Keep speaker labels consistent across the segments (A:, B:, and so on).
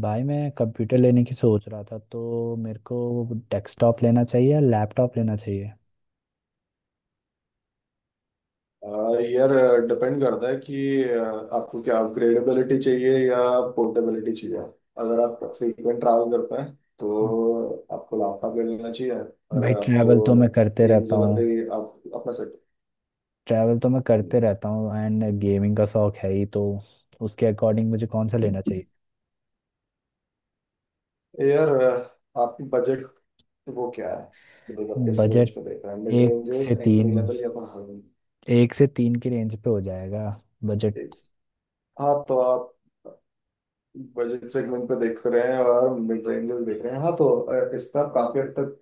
A: भाई मैं कंप्यूटर लेने की सोच रहा था तो मेरे को डेस्कटॉप लेना चाहिए या लैपटॉप लेना चाहिए।
B: यार, डिपेंड करता है कि आपको क्या अपग्रेडेबिलिटी चाहिए या पोर्टेबिलिटी चाहिए। अगर आप फ्रीक्वेंट ट्रैवल करते हैं तो आपको लैपटॉप ले लेना चाहिए, और
A: भाई
B: अगर
A: ट्रैवल
B: आपको
A: तो मैं करते
B: एक
A: रहता
B: जगह
A: हूँ।
B: पे ही आप अपना सेट।
A: ट्रैवल तो मैं करते रहता हूँ एंड गेमिंग का शौक है ही तो उसके अकॉर्डिंग मुझे कौन सा लेना चाहिए।
B: यार आपकी बजट वो क्या है? मतलब आप किस रेंज
A: बजट
B: पे देख रहे हैं, मिड
A: एक से
B: रेंजर्स,
A: तीन
B: एंट्री लेवल या फिर हाई?
A: एक से तीन की रेंज पे हो जाएगा
B: एक।
A: बजट।
B: हाँ, तो आप बजट सेगमेंट पे देख रहे हैं और मिड रेंजर्स देख रहे हैं, हाँ। तो इस पर आप काफी हद तक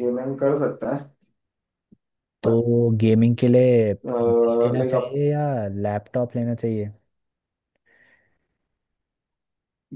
B: गेमिंग कर सकते हैं।
A: तो गेमिंग के लिए पीसी लेना
B: लाइक आप।
A: चाहिए या लैपटॉप लेना चाहिए।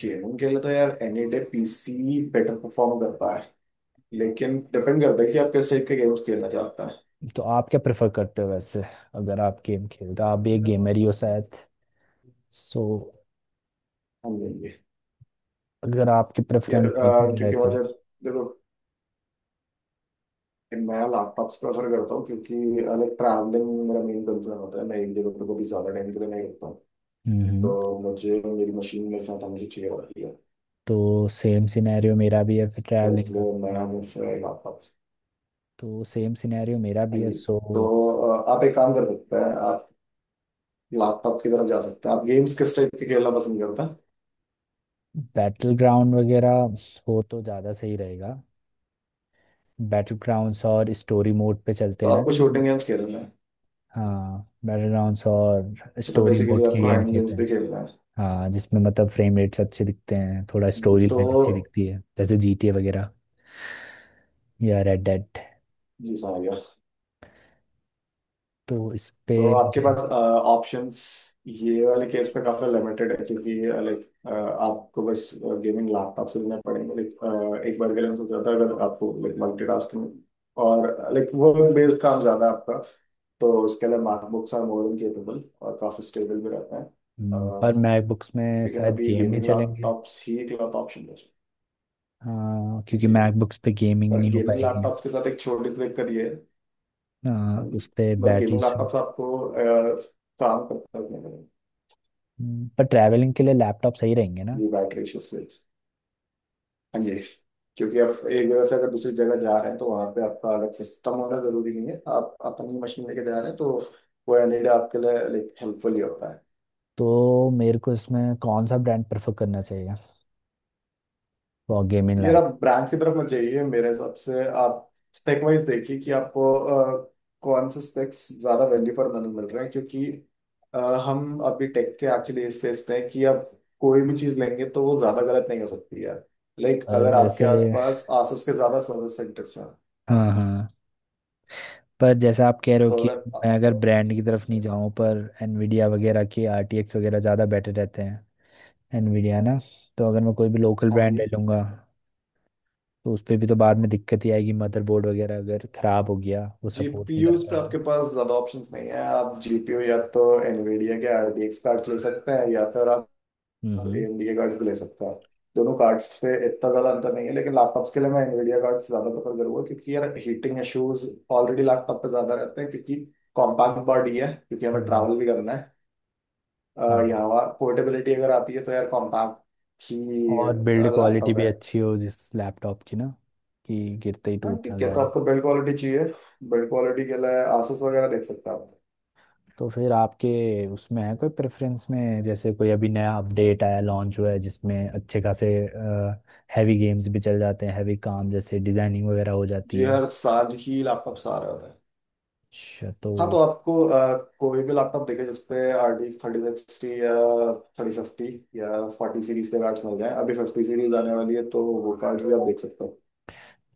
B: गेमिंग के लिए तो यार any day PC better perform करता है, लेकिन डिपेंड करता है कि आप किस टाइप के गेम्स खेलना चाहते हैं।
A: तो आप क्या प्रेफर करते हो वैसे। अगर आप गेम खेलते हो आप भी एक गेमर ही हो शायद, सो
B: हाँ जी जी।
A: अगर आपकी
B: यार
A: प्रेफरेंस देखी जाए
B: क्योंकि
A: तो।
B: मुझे, देखो, मैं लैपटॉप से प्रेफर करता हूँ, क्योंकि लाइक ट्रैवलिंग मेरा मेन कंसर्न होता है। मैं एक जगह पे कभी ज़्यादा टाइम के लिए नहीं रुकता हूँ,
A: हम्म।
B: तो मुझे मेरी मशीन मेरे साथ हमेशा चाहिए होती है,
A: तो सेम सिनेरियो मेरा भी है फिर
B: तो
A: ट्रैवलिंग का।
B: इसलिए मैं हमेशा लैपटॉप।
A: तो सेम सिनेरियो मेरा
B: हाँ
A: भी है
B: जी।
A: सो।
B: तो आप एक काम कर सकते हैं, आप लैपटॉप की तरफ जा सकते हैं। आप गेम्स किस टाइप के खेलना पसंद करते हैं?
A: बैटल ग्राउंड वगैरह हो तो ज़्यादा सही रहेगा। बैटल ग्राउंड्स और स्टोरी मोड पे चलते
B: तो
A: हैं ना
B: आपको शूटिंग
A: गेम्स।
B: गेम्स खेलना है।
A: हाँ। बैटल ग्राउंड्स और
B: चलो,
A: स्टोरी
B: बेसिकली
A: मोड के
B: आपको हाइड
A: गेम्स होते
B: गेम्स भी
A: हैं।
B: खेलना है
A: हाँ, जिसमें मतलब फ्रेम रेट्स अच्छे दिखते हैं थोड़ा स्टोरी
B: तो।
A: लाइन अच्छी दिखती है जैसे जीटीए वगैरह या रेड डेड।
B: जी, समझ गया।
A: तो इस पे
B: तो आपके
A: मुझे।
B: पास ऑप्शंस ये वाले केस पे काफी लिमिटेड है, क्योंकि लाइक आपको बस गेमिंग लैपटॉप से लेना पड़ेंगे। लाइक एक बार के लिए मैं सोच रहा था, अगर आपको लाइक मल्टीटास्किंग और लाइक वर्क बेस्ड काम ज्यादा है आपका, तो उसके लिए MacBooks are more than capable और काफी स्टेबल भी रहते हैं। अह,
A: पर मैकबुक्स में
B: लेकिन
A: शायद
B: अभी
A: गेम नहीं
B: गेमिंग
A: चलेंगे।
B: लैपटॉप्स ही एक ऑप्शन है।
A: हाँ क्योंकि
B: जी।
A: मैकबुक्स पे गेमिंग
B: पर
A: नहीं हो
B: गेमिंग
A: पाएगी।
B: लैपटॉप के साथ एक छोटी सी दिक्कत ये है,
A: हाँ, उस पे
B: मतलब
A: बैटरी
B: गेमिंग
A: इशू।
B: लैपटॉप आपको काम करता है।
A: पर ट्रैवलिंग के लिए लैपटॉप सही रहेंगे ना।
B: ये बैटरी इश्यूज के लिए। हाँ जी, क्योंकि आप एक जगह से अगर दूसरी जगह जा रहे हैं तो वहाँ पे आपका अलग सिस्टम होना जरूरी नहीं है, आप अपनी मशीन लेके जा रहे हैं, तो वो एलईडी आपके लिए लाइक हेल्पफुल ही होता है।
A: तो मेरे को इसमें कौन सा ब्रांड प्रेफर करना चाहिए फॉर गेमिंग
B: यार
A: लैप।
B: आप ब्रांड की तरफ मत जाइए, मेरे हिसाब से आप स्पेक वाइज देखिए कि आपको कौन से स्पेक्स ज्यादा वैल्यू फॉर मनी मिल रहे हैं, क्योंकि अ, हम अभी टेक के एक्चुअली इस फेस पे हैं कि आप कोई भी चीज लेंगे तो वो ज्यादा गलत नहीं हो सकती है। लाइक
A: पर
B: अगर आपके
A: जैसे।
B: आसपास आसुस के ज्यादा सर्विस सेंटर्स हैं। हाँ।
A: हाँ हाँ। पर जैसा आप कह रहे हो
B: तो
A: कि मैं अगर
B: अगर।
A: ब्रांड की तरफ नहीं जाऊँ, पर एनवीडिया वगैरह के आरटीएक्स वगैरह ज़्यादा बेटर रहते हैं। एनवीडिया ना। तो अगर मैं कोई भी लोकल
B: हाँ
A: ब्रांड
B: जी।
A: ले लूँगा तो उस पे भी तो बाद में दिक्कत ही आएगी, मदरबोर्ड वगैरह अगर खराब हो गया वो सपोर्ट नहीं कर
B: जीपीयूज पे
A: पाया।
B: आपके पास ज्यादा ऑप्शंस नहीं है, आप जीपीयू या तो एनवीडिया के आरटीएक्स कार्ड्स ले सकते हैं, या फिर आप
A: हम्म।
B: एएमडी के कार्ड्स भी ले सकता है। दोनों कार्ड्स पे इतना ज्यादा अंतर नहीं है, लेकिन लैपटॉप्स के लिए मैं एनवीडिया कार्ड्स ज्यादा प्रेफर करूंगा, क्योंकि यार हीटिंग इश्यूज ऑलरेडी लैपटॉप पे ज्यादा रहते हैं, क्योंकि कॉम्पैक्ट बॉडी है, क्योंकि हमें
A: हम्म,
B: ट्रैवल भी करना है।
A: हाँ।
B: और यहाँ पोर्टेबिलिटी अगर आती है तो यार कॉम्पैक्ट ही
A: और बिल्ड क्वालिटी
B: लैपटॉप
A: भी
B: है।
A: अच्छी हो जिस लैपटॉप की ना, कि गिरते ही
B: हाँ
A: टूट ना
B: ठीक है, तो
A: जाए।
B: आपको बिल्ड क्वालिटी चाहिए। बिल्ड क्वालिटी के लिए आसूस वगैरह देख सकते हैं आप।
A: तो फिर आपके उसमें है कोई प्रेफरेंस में जैसे कोई अभी नया अपडेट आया लॉन्च हुआ है जिसमें अच्छे खासे हैवी गेम्स भी चल जाते हैं, हैवी काम जैसे डिजाइनिंग वगैरह हो जाती
B: जी,
A: है।
B: हर साल ही लैपटॉप आ रहे होते हैं।
A: अच्छा तो।
B: हाँ, तो आपको कोई भी लैपटॉप देखे जिसपे आर डी 3060 या 3050 या 40 सीरीज के कार्ड्स मिल जाए। अभी 50 सीरीज आने वाली है, तो वो कार्ड्स भी आप देख सकते हो।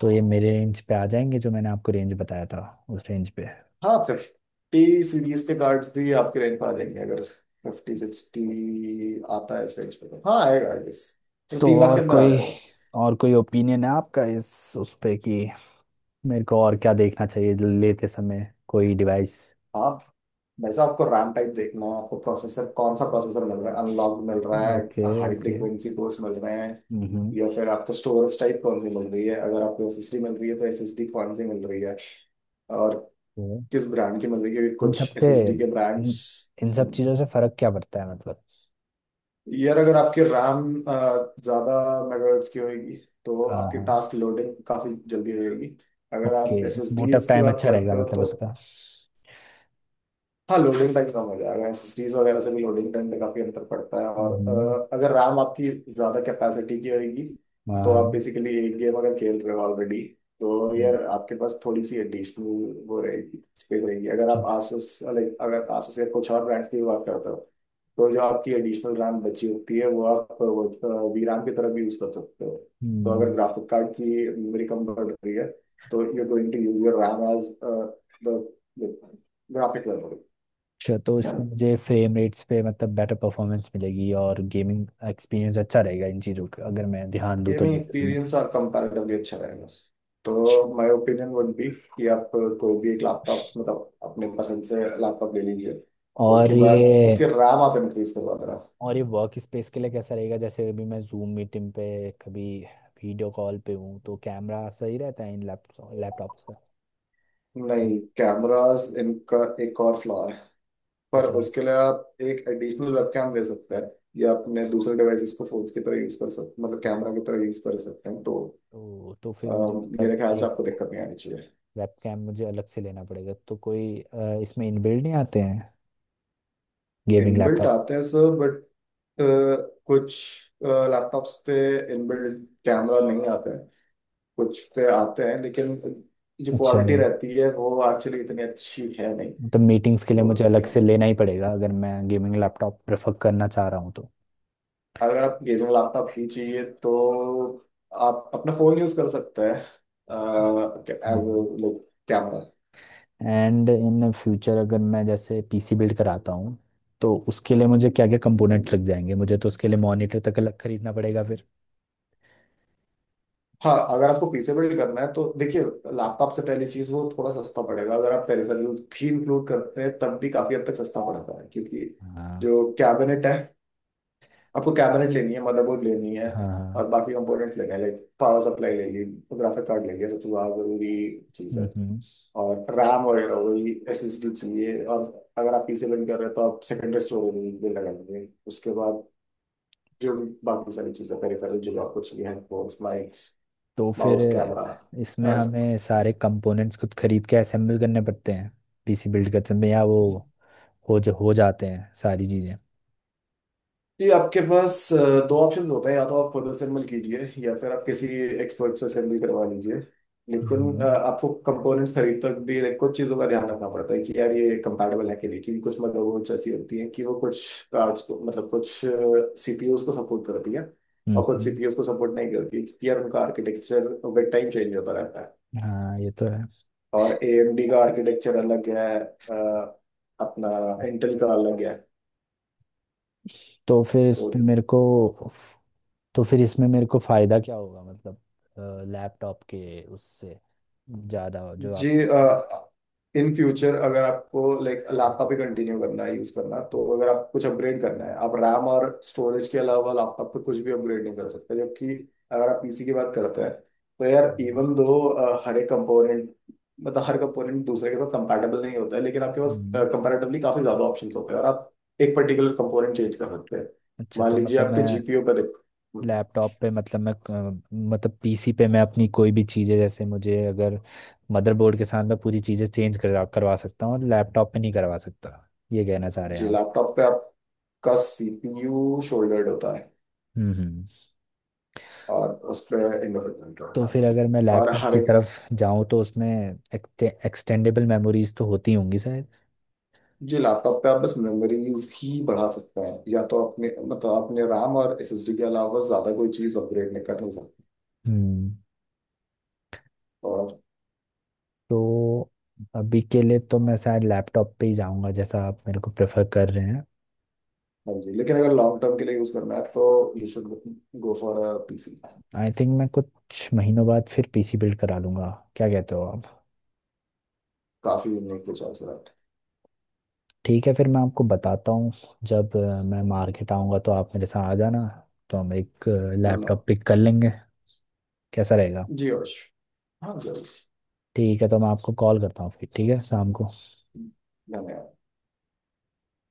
A: तो ये मेरे रेंज पे आ जाएंगे जो मैंने आपको रेंज बताया था, उस रेंज पे।
B: हाँ, 50 सीरीज के कार्ड्स भी आपके रेंज पर आ जाएंगे। अगर 5060 आता है इस रेंज पे, तो हाँ, आएगा आई गेस। तो
A: तो
B: 3 लाख
A: और
B: के अंदर आ
A: कोई
B: जाएगा।
A: और कोई ओपिनियन है आपका इस उस पे कि मेरे को और क्या देखना चाहिए लेते समय कोई डिवाइस।
B: हाँ, वैसे आपको रैम टाइप देखना है, आपको प्रोसेसर कौन सा प्रोसेसर मिल रहा है, अनलॉक मिल रहा है,
A: okay
B: high
A: okay.
B: Frequency cores मिल रहे हैं,
A: हम्म।
B: या फिर आपको स्टोरेज टाइप कौन सी मिल रही है। अगर आपको एसएसडी मिल रही है तो एसएसडी कौन सी मिल रही है और
A: तो
B: किस ब्रांड की मिल रही है, क्योंकि
A: इन सब
B: कुछ
A: से
B: एसएसडी के ब्रांड्स।
A: इन, इन सब चीज़ों से फर्क क्या पड़ता है मतलब।
B: यार अगर आपकी रैम ज़्यादा मेगाहर्ट्ज की होगी, तो
A: हाँ
B: आपकी
A: हाँ।
B: टास्क लोडिंग काफ़ी जल्दी रहेगी। अगर
A: ओके।
B: आप
A: बूट अप
B: एसएसडीज की
A: टाइम
B: बात
A: अच्छा रहेगा
B: करते हो
A: मतलब
B: तो
A: उसका।
B: हाँ, लोडिंग टाइम कम हो जाएगा। एसएसडीज वगैरह से भी लोडिंग टाइम पे काफी अंतर पड़ता है। और
A: हम्म।
B: अगर रैम आपकी ज्यादा कैपेसिटी की होगी,
A: हाँ
B: तो
A: हाँ।
B: आप बेसिकली एक गेम अगर खेल रहे हो ऑलरेडी, तो यार
A: हम्म।
B: आपके पास थोड़ी सी एडिशनल वो रहेगी, स्पेस रहेगी। अगर
A: अच्छा।
B: आप आसूस लाइक अगर आसूस या कुछ और ब्रांड्स की बात करते हो, तो जो आपकी एडिशनल रैम बची होती है वो आप वो वी रैम की तरह भी यूज कर सकते हो। तो अगर
A: हम्म।
B: ग्राफिक कार्ड की मेमोरी कम बढ़ रही है, तो you going to use your RAM as the graphic memory.
A: अच्छा, तो इसमें मुझे फ्रेम रेट्स पे मतलब बेटर परफॉर्मेंस मिलेगी और गेमिंग एक्सपीरियंस अच्छा रहेगा, इन चीज़ों का अगर मैं ध्यान दूँ तो
B: गेमिंग
A: लेते समय।
B: एक्सपीरियंस आप कंपैरेटिवली अच्छा रहेगा। तो माय ओपिनियन वुड बी कि आप कोई भी एक लैपटॉप, मतलब अपने पसंद से लैपटॉप ले लीजिए,
A: और
B: उसके बाद
A: ये।
B: उसके रैम आप इंक्रीज करवा देना।
A: और ये वर्क स्पेस के लिए कैसा रहेगा, जैसे अभी मैं जूम मीटिंग पे कभी वीडियो कॉल पे हूँ तो कैमरा सही रहता है इन लैपटॉप्स का।
B: नहीं, कैमरास इनका एक और फ्लॉ है, पर
A: अच्छा।
B: उसके लिए आप एक एडिशनल वेबकैम ले सकते हैं, या अपने दूसरे डिवाइसेस को फोन्स की तरह यूज कर सकते, मतलब कैमरा की तरह यूज कर सकते हैं, तो
A: तो फिर मुझे मतलब
B: मेरे ख्याल से
A: एक
B: आपको दिक्कत नहीं आनी चाहिए।
A: वेबकैम मुझे अलग से लेना पड़ेगा तो कोई इसमें इनबिल्ड नहीं आते हैं गेमिंग
B: इनबिल्ट
A: लैपटॉप।
B: आते हैं सर, बट कुछ लैपटॉप्स पे इनबिल्ट कैमरा नहीं आते हैं, कुछ पे आते हैं, लेकिन जो
A: अच्छा।
B: क्वालिटी रहती है वो एक्चुअली इतनी अच्छी है नहीं।
A: मतलब मीटिंग्स के लिए
B: सो
A: मुझे अलग
B: यू
A: से
B: नो
A: लेना ही पड़ेगा अगर मैं गेमिंग लैपटॉप प्रेफर करना चाह रहा हूँ तो।
B: अगर आप गेमिंग लैपटॉप ही चाहिए, तो आप अपना फोन यूज कर सकते हैं as
A: hmm.
B: Like camera.
A: And in future अगर मैं जैसे पीसी बिल्ड कराता हूँ तो उसके लिए मुझे क्या क्या कंपोनेंट्स लग जाएंगे मुझे, तो उसके लिए मॉनिटर तक अलग खरीदना पड़ेगा फिर।
B: हाँ, अगर आपको पीसेबल करना है तो देखिए, लैपटॉप से पहली चीज, वो थोड़ा सस्ता पड़ेगा। अगर आप पेरिफेरल भी इंक्लूड करते हैं तब भी काफी हद तक सस्ता पड़ता है, क्योंकि
A: हाँ।
B: जो कैबिनेट है, आपको कैबिनेट लेनी है, मदरबोर्ड लेनी है,
A: हाँ हाँ।
B: और बाकी कंपोनेंट्स लेने हैं। लाइक पावर सप्लाई ले ली, ग्राफिक कार्ड ले लिया, सबसे ज्यादा जरूरी चीज है,
A: हम्म।
B: और रैम वगैरह हो गई, SSD चाहिए, और अगर आप पीसी बिल्ड कर रहे हैं तो आप सेकेंडरी स्टोरेज भी लगाएंगे। उसके बाद जो बाकी सारी चीजें पेरिफेरल जो भी आपको चाहिए, हेडफोन्स,
A: तो फिर
B: माउस, कैमरा।
A: इसमें हमें सारे कंपोनेंट्स खुद खरीद के असेंबल करने पड़ते हैं पीसी बिल्ड करते में, या वो हो जो हो जाते हैं सारी चीज़ें।
B: जी, आपके पास दो ऑप्शंस होते हैं, या तो आप खुद असेंबल कीजिए या फिर आप किसी एक्सपर्ट से असेंबल करवा लीजिए। लेकिन
A: हम्म
B: आपको कंपोनेंट्स खरीदते वक्त भी कुछ चीज़ों का ध्यान रखना पड़ता है कि यार, ये कंपैटिबल है कि नहीं, क्योंकि कुछ मदरबोर्ड्स ऐसी होती हैं कि वो कुछ कार्ड्स को, मतलब कुछ सीपीयूज को सपोर्ट करती है और कुछ
A: हम्म।
B: सीपीयूज को सपोर्ट नहीं करती, क्योंकि यार उनका आर्किटेक्चर विद टाइम चेंज होता रहता है।
A: हाँ ये तो है।
B: और एएमडी का आर्किटेक्चर अलग है, अ, अपना इंटेल का अलग है।
A: तो फिर इस
B: तो
A: पे मेरे को। तो फिर इसमें मेरे को फायदा क्या होगा मतलब लैपटॉप के उससे ज्यादा जो आप।
B: जी, इन फ्यूचर अगर आपको लाइक लैपटॉप ही कंटिन्यू करना है यूज करना, तो अगर आप कुछ अपग्रेड करना है, आप रैम और स्टोरेज के अलावा लैपटॉप पे कुछ भी अपग्रेड नहीं कर सकते। जबकि अगर आप पीसी की बात करते हैं, तो यार
A: हम्म,
B: इवन दो हर एक कंपोनेंट, मतलब हर कंपोनेंट दूसरे के साथ कंपैटिबल नहीं होता है, लेकिन आपके पास
A: हम्म।
B: कंपैरेटिवली काफी ज्यादा ऑप्शंस होते हैं और आप एक पर्टिकुलर कंपोनेंट चेंज कर सकते हैं।
A: अच्छा
B: मान
A: तो
B: लीजिए
A: मतलब
B: आपके
A: मैं
B: जीपीयू पे देख।
A: लैपटॉप पे मतलब मैं मतलब पीसी पे मैं अपनी कोई भी चीज़ें जैसे मुझे अगर मदरबोर्ड के साथ मैं पूरी चीज़ें चेंज करा करवा सकता हूँ और लैपटॉप पे नहीं करवा सकता, ये कहना चाह रहे हैं
B: जी,
A: आप।
B: लैपटॉप पे आपका सीपीयू शोल्डर्ड होता है
A: हम्म हम्म।
B: और उसमें इंडिपेंडेंट
A: तो
B: होता
A: फिर
B: है
A: अगर मैं
B: और
A: लैपटॉप
B: हर
A: की
B: एक।
A: तरफ जाऊं तो उसमें एक्सटेंडेबल मेमोरीज तो होती होंगी शायद।
B: जी, लैपटॉप पे आप बस मेमोरीज ही बढ़ा सकते हैं, या तो अपने, मतलब अपने RAM और SSD के अलावा ज्यादा कोई चीज अपग्रेड नहीं कर नहीं सकते,
A: हम्म।
B: और
A: तो अभी के लिए तो मैं शायद लैपटॉप पे ही जाऊंगा जैसा आप मेरे को प्रेफर कर रहे हैं।
B: हाँ जी। लेकिन अगर लॉन्ग टर्म के लिए यूज करना है तो you should go for a PC.
A: I think मैं कुछ महीनों बाद फिर पीसी बिल्ड करा लूंगा। क्या कहते हो आप।
B: काफी यूनिक टू चॉइस।
A: ठीक है फिर मैं आपको बताता हूँ। जब मैं मार्केट आऊँगा तो आप मेरे साथ आ जाना, तो हम एक लैपटॉप
B: धन्यवाद।
A: पिक कर लेंगे। कैसा रहेगा।
B: जी यश, हाँ जरूर।
A: ठीक है तो मैं आपको कॉल करता हूँ फिर, ठीक है शाम को।
B: धन्यवाद।